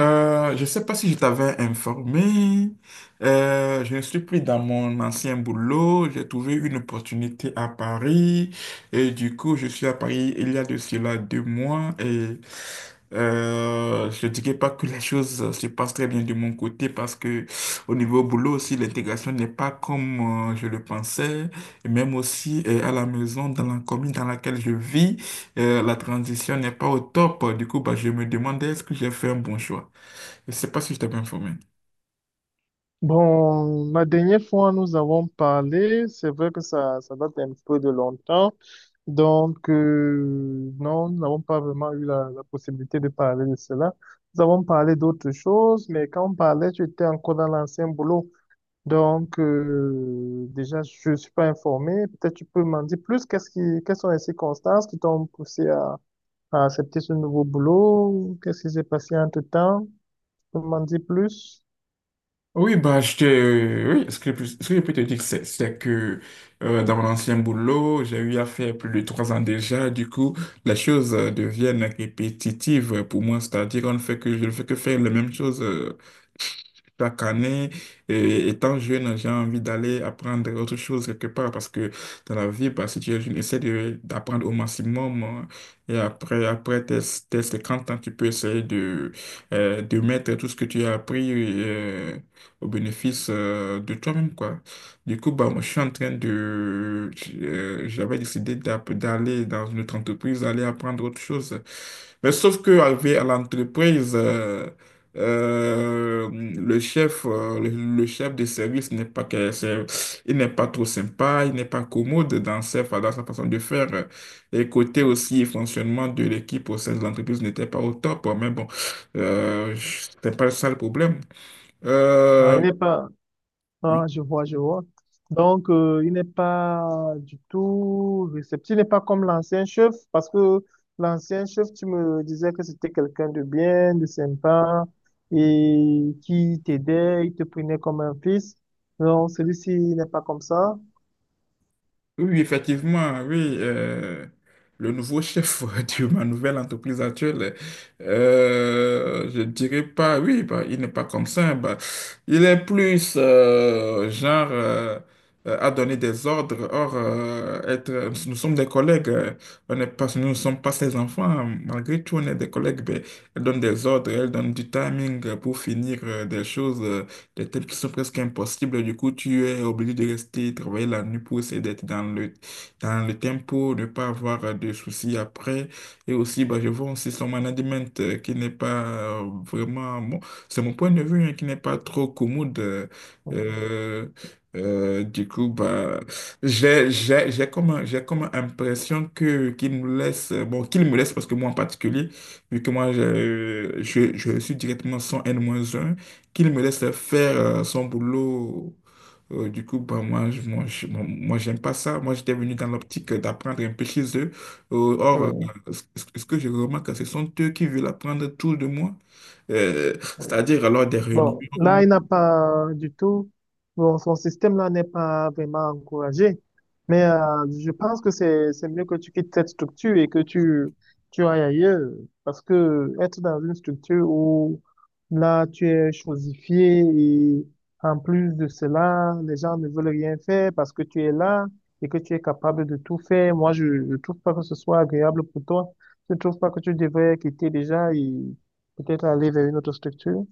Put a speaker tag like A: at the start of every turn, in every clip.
A: Je ne sais pas si je t'avais informé. Je ne suis plus dans mon ancien boulot. J'ai trouvé une opportunité à Paris. Et du coup, je suis à Paris il y a de cela 2 mois. Et je ne dirais pas que les choses se passent très bien de mon côté parce que au niveau boulot aussi, l'intégration n'est pas comme je le pensais. Et même aussi à la maison, dans la commune dans laquelle je vis, la transition n'est pas au top. Du coup, bah, je me demandais est-ce que j'ai fait un bon choix. Je sais pas si je t'ai bien informé.
B: Bon, la dernière fois, nous avons parlé, c'est vrai que ça date un peu de longtemps, donc non, nous n'avons pas vraiment eu la possibilité de parler de cela. Nous avons parlé d'autres choses, mais quand on parlait, tu étais encore dans l'ancien boulot, donc déjà, je ne suis pas informé, peut-être tu peux m'en dire plus, quelles sont les circonstances qui t'ont poussé à accepter ce nouveau boulot, qu'est-ce qui s'est passé entre-temps, tu peux m'en dire plus?
A: Oui, bah, oui, ce que je peux te dire, c'est que dans mon ancien boulot, j'ai eu à faire plus de 3 ans déjà. Du coup, les choses deviennent répétitives pour moi. C'est-à-dire, on ne fait que, je ne fais que faire la même chose chaque année. Et étant jeune, j'ai envie d'aller apprendre autre chose quelque part parce que dans la vie, bah, si tu es jeune, d'apprendre au maximum, hein. Et après tes 50 ans, tu peux essayer de mettre tout ce que tu as appris au bénéfice de toi-même, quoi. Du coup, bah, moi, je suis en train de... J'avais décidé d'aller dans une autre entreprise, aller apprendre autre chose. Mais sauf que arrivé à l'entreprise, le chef, le chef de service n'est pas que- c'est- il n'est pas trop sympa, il n'est pas commode dans sa façon de faire. Et côté aussi fonctionnement de l'équipe au sein de l'entreprise n'était pas au top. Mais bon, c'était pas ça le problème.
B: Ah,
A: Euh,
B: il n'est pas...
A: oui.
B: Ah, je vois, je vois. Donc, il n'est pas du tout réceptif, il n'est pas comme l'ancien chef, parce que l'ancien chef, tu me disais que c'était quelqu'un de bien, de sympa, et qui t'aidait, il te prenait comme un fils. Non, celui-ci n'est pas comme ça.
A: Oui, effectivement, oui. Le nouveau chef de ma nouvelle entreprise actuelle, je dirais pas, oui, bah, il n'est pas comme ça. Bah, il est plus genre à donner des ordres. Or, nous sommes des collègues, on n'est pas, nous ne sommes pas ses enfants. Malgré tout, on est des collègues. Ben, elle donne des ordres, elle donne du timing pour finir des tâches qui sont presque impossibles. Du coup, tu es obligé de rester travailler la nuit pour essayer d'être dans le tempo, ne pas avoir de soucis après. Et aussi, bah, je vois aussi son management qui n'est pas vraiment, bon, c'est mon point de vue, hein, qui n'est pas trop commode. Euh, du coup, bah, j'ai comme, j'ai comme impression qu'il nous laisse, qu'il me laisse parce que moi en particulier, vu que moi, je suis directement son n moins un qu'il me laisse faire son boulot. Du coup, bah, moi, je, moi, je- moi, moi, j'aime pas ça. Moi, j'étais venu dans l'optique d'apprendre un peu chez eux. Euh, or, euh,
B: Oui.
A: Ce que je remarque, ce sont eux qui veulent apprendre tout de moi. Euh, C'est-à-dire, alors, des réunions.
B: Bon, là, il n'a pas du tout, bon, son système-là n'est pas vraiment encouragé. Mais je pense que c'est mieux que tu quittes cette structure et que tu ailles ailleurs. Parce que être dans une structure où, là, tu es chosifié et en plus de cela, les gens ne veulent rien faire parce que tu es là et que tu es capable de tout faire. Moi, je ne trouve pas que ce soit agréable pour toi. Je ne trouve pas que tu devrais quitter déjà et peut-être aller vers une autre structure.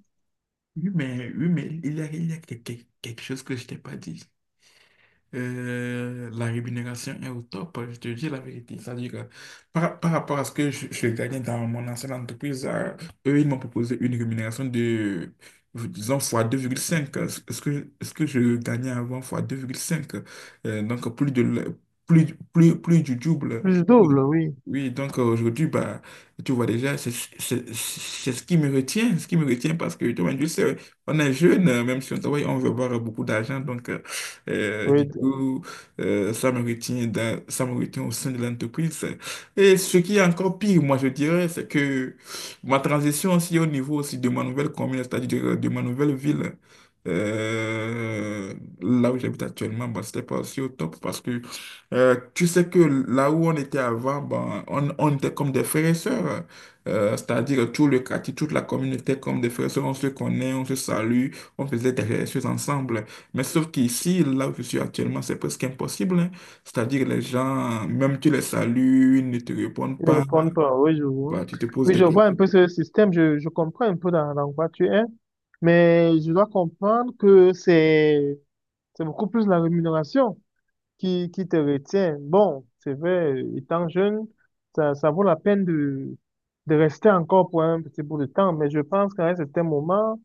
A: Oui, mais il y a quelque chose que je t'ai pas dit. La rémunération est au top, hein, je te dis la vérité. C'est-à-dire que par rapport à ce que je gagnais dans mon ancienne entreprise, eux, ils m'ont proposé une rémunération de, disons, fois 2,5. Ce que je gagnais avant, fois 2,5. Donc, plus de, le- plus, plus, plus du double.
B: Plus
A: Donc,
B: double, oui.
A: oui, donc aujourd'hui, bah, tu vois déjà, c'est ce qui me retient, ce qui me retient parce que, tu vois, tu sais, on est jeune, même si on travaille, on veut avoir beaucoup d'argent. Donc, euh,
B: Oui,
A: du
B: d-
A: coup, ça me retient ça me retient au sein de l'entreprise. Et ce qui est encore pire, moi, je dirais, c'est que ma transition aussi au niveau aussi de ma nouvelle commune, c'est-à-dire de ma nouvelle ville, euh, là où j'habite actuellement, bah, c'était pas aussi au top parce que tu sais que là où on était avant, ben, on était comme des frères et sœurs. C'est-à-dire tout le quartier, toute la communauté était comme des frères et sœurs. On se connaît, on se salue, on faisait des choses ensemble. Mais sauf qu'ici, là où je suis actuellement, c'est presque impossible, hein. C'est-à-dire les gens, même tu les salues, ils ne te répondent
B: ils ne
A: pas.
B: répondent pas. Oui, je vois.
A: Bah, tu te poses
B: Oui, je
A: des
B: vois
A: questions.
B: un peu ce système. Je comprends un peu dans quoi tu es. Mais je dois comprendre que c'est c'est beaucoup plus la rémunération qui te retient. Bon, c'est vrai, étant jeune, ça vaut la peine de rester encore pour un petit bout de temps. Mais je pense qu'à un certain moment,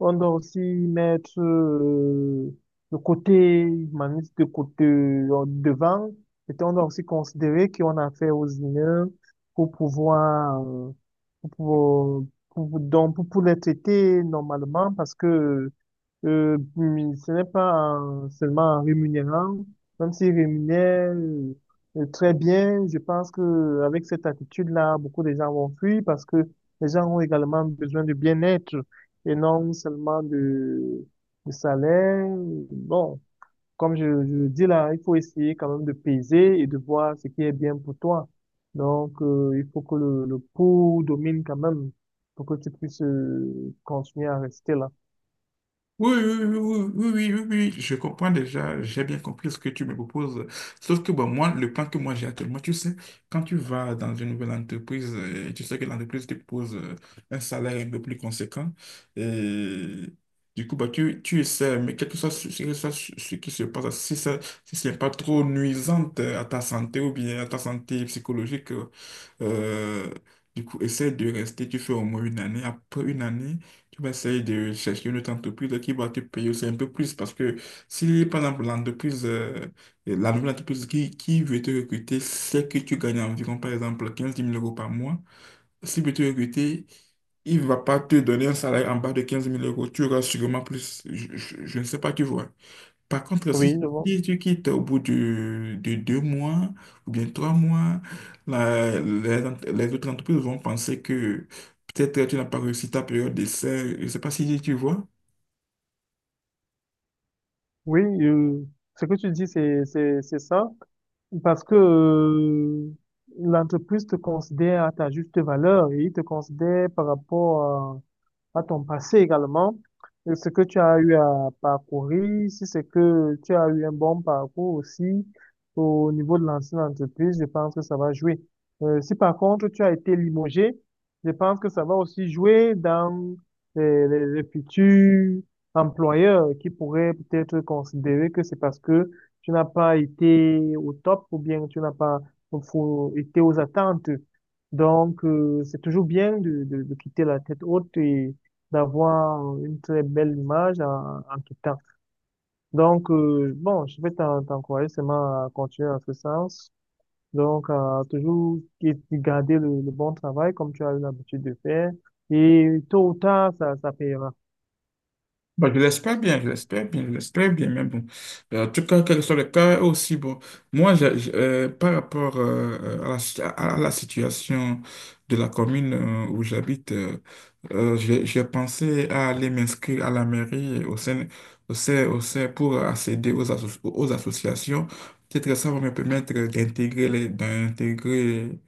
B: on doit aussi mettre le côté humaniste de côté devant. Et on doit aussi considérer qu'on a affaire aux humains pour pouvoir, pour, pouvoir- pour les traiter normalement parce que ce n'est pas seulement en rémunérant, même s'ils rémunèrent très bien, je pense que avec cette attitude-là, beaucoup de gens vont fuir parce que les gens ont également besoin de bien-être et non seulement de salaire. Bon, comme je le dis là, il faut essayer quand même de peser et de voir ce qui est bien pour toi. Donc, il faut que le pour domine quand même pour que tu puisses continuer à rester là.
A: Oui, oui, oui, oui, oui, oui, oui, oui, oui, je comprends déjà, j'ai bien compris ce que tu me proposes. Sauf que bon, moi, le plan que moi j'ai actuellement, tu sais, quand tu vas dans une nouvelle entreprise, tu sais que l'entreprise te propose un salaire un peu plus conséquent. Et du coup, bah, tu essaies, mais quel que soit ce qui se passe, si ce n'est pas trop nuisant à ta santé ou bien à ta santé psychologique, euh, essaie de rester, tu fais au moins une année. Après une année, tu vas essayer de chercher une autre entreprise qui va te payer aussi un peu plus. Parce que si, par exemple, la nouvelle entreprise qui veut te recruter sait que tu gagnes environ, par exemple, 15 mille euros par mois, s'il veut te recruter, il ne va pas te donner un salaire en bas de 15 000 euros. Tu auras sûrement plus. Je ne sais pas, tu vois. Par contre,
B: Oui, je vois.
A: si tu quittes de 2 mois ou bien 3 mois, les autres entreprises vont penser que peut-être tu n'as pas réussi ta période d'essai. Je ne sais pas si tu vois.
B: Oui, ce que tu dis, c'est ça. Parce que l'entreprise te considère à ta juste valeur et il te considère par rapport à ton passé également, et ce que tu as eu à parcourir, si c'est que tu as eu un bon parcours aussi au niveau de l'ancienne entreprise, je pense que ça va jouer. Si par contre tu as été limogé, je pense que ça va aussi jouer dans les futurs employeurs qui pourraient peut-être considérer que c'est parce que tu n'as pas été au top ou bien tu n'as pas été aux attentes. Donc, c'est toujours bien de quitter la tête haute et d'avoir une très belle image en, en quittant. Donc, bon, je vais t'encourager seulement à continuer dans ce sens. Donc, à toujours garder le bon travail comme tu as eu l'habitude de faire. Et tôt ou tard, ça payera.
A: Bon, je l'espère bien, je l'espère bien, je l'espère bien, mais bon. En tout cas, quel que soit le cas, eux aussi, bon, moi, par rapport à la, à la situation de la commune où j'habite, j'ai pensé à aller m'inscrire à la mairie au sein pour accéder aux associations. Peut-être que ça va me permettre d'intégrer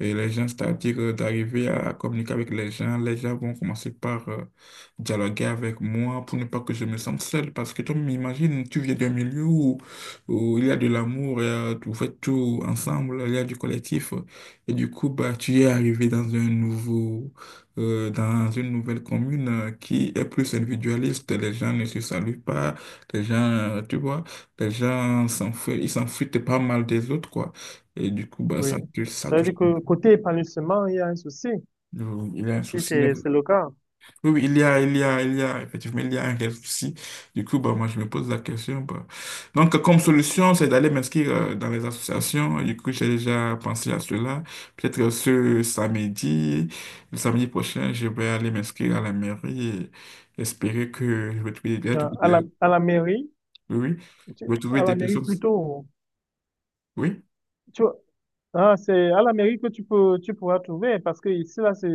A: et les gens, c'est-à-dire d'arriver à communiquer avec les gens. Les gens vont commencer par dialoguer avec moi pour ne pas que je me sente seul. Parce que tu m'imagines, tu viens d'un milieu où, où il y a de l'amour, et, vous faites tout ensemble, il y a du collectif. Et du coup, bah, tu es arrivé dans un nouveau, dans une nouvelle commune qui est plus individualiste. Les gens ne se saluent pas. Les gens, tu vois, les gens s'enfuient, ils s'enfuient pas mal des autres, quoi. Et du coup, bah,
B: Oui.
A: ça, ça
B: Ça veut
A: touche.
B: dire que côté épanouissement, il y a un souci.
A: Oui, il y a un
B: Si,
A: souci. Il y a...
B: c'est le cas.
A: oui, il y a, effectivement, il y a un réel souci. Du coup, bah, moi, je me pose la question, bah. Donc, comme solution, c'est d'aller m'inscrire dans les associations. Du coup, j'ai déjà pensé à cela. Peut-être ce samedi, le samedi prochain, je vais aller m'inscrire à la mairie et espérer que je vais trouver des,
B: À la,
A: oui,
B: à la mairie,
A: oui,
B: tu-
A: je vais trouver
B: à la
A: des
B: mairie
A: personnes.
B: plutôt.
A: Oui.
B: Tu, ah, c'est à la mairie que tu peux, tu pourras trouver parce que ici, là, c'est,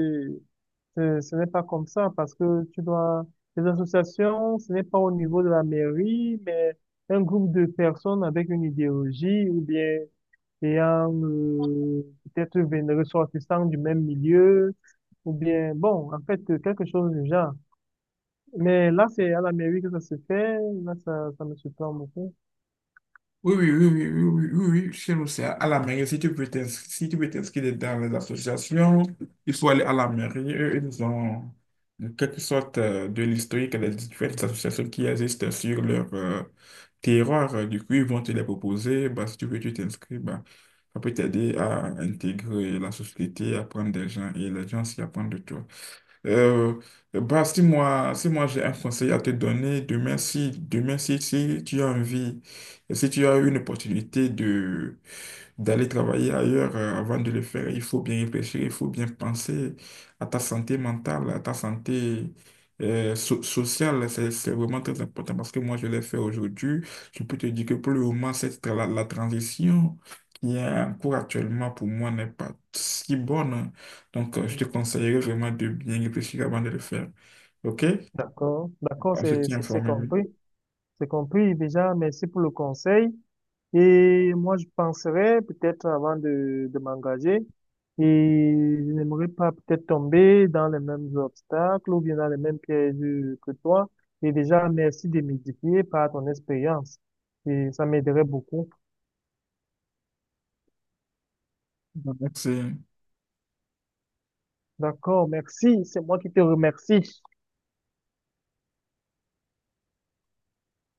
B: c'est- ce n'est pas comme ça parce que tu dois, les associations, ce n'est pas au niveau de la mairie, mais un groupe de personnes avec une idéologie ou bien et en peut-être ressortissant du même milieu, ou bien, bon, en fait, quelque chose du genre. Mais là, c'est à l'Amérique que ça se fait, là, ça me surprend beaucoup.
A: Oui, oui, oui, oui, oui, oui, oui, oui, chez nous, c'est à la mairie. Si tu veux t'inscrire dans les associations, il faut aller à la mairie. Eux, ils ont en quelque sorte de l'historique des différentes associations qui existent sur leur terroir. Du coup, ils vont te les proposer. Bah, si tu veux, tu t'inscris. Bah, ça peut t'aider à intégrer la société, à apprendre des gens et les gens s'y apprendre de toi. Euh, Bah, si moi j'ai un conseil à te donner, demain si, si tu as envie, si tu as une opportunité de, d'aller travailler ailleurs avant de le faire, il faut bien réfléchir, il faut bien penser à ta santé mentale, à ta santé sociale. C'est vraiment très important parce que moi, je l'ai fait aujourd'hui. Je peux te dire que pour le moment, la transition qui est en cours actuellement pour moi n'est pas si bonne. Donc, je te conseillerais vraiment de bien réfléchir avant de le faire. OK?
B: D'accord, d'accord,
A: On se tient informé, oui.
B: c'est compris déjà, merci pour le conseil. Et moi, je penserais peut-être avant de m'engager, et je n'aimerais pas peut-être tomber dans les mêmes obstacles ou bien dans les mêmes pièges que toi. Et déjà, merci de m'édifier par ton expérience. Et ça m'aiderait beaucoup.
A: Merci.
B: D'accord, merci. C'est moi qui te remercie.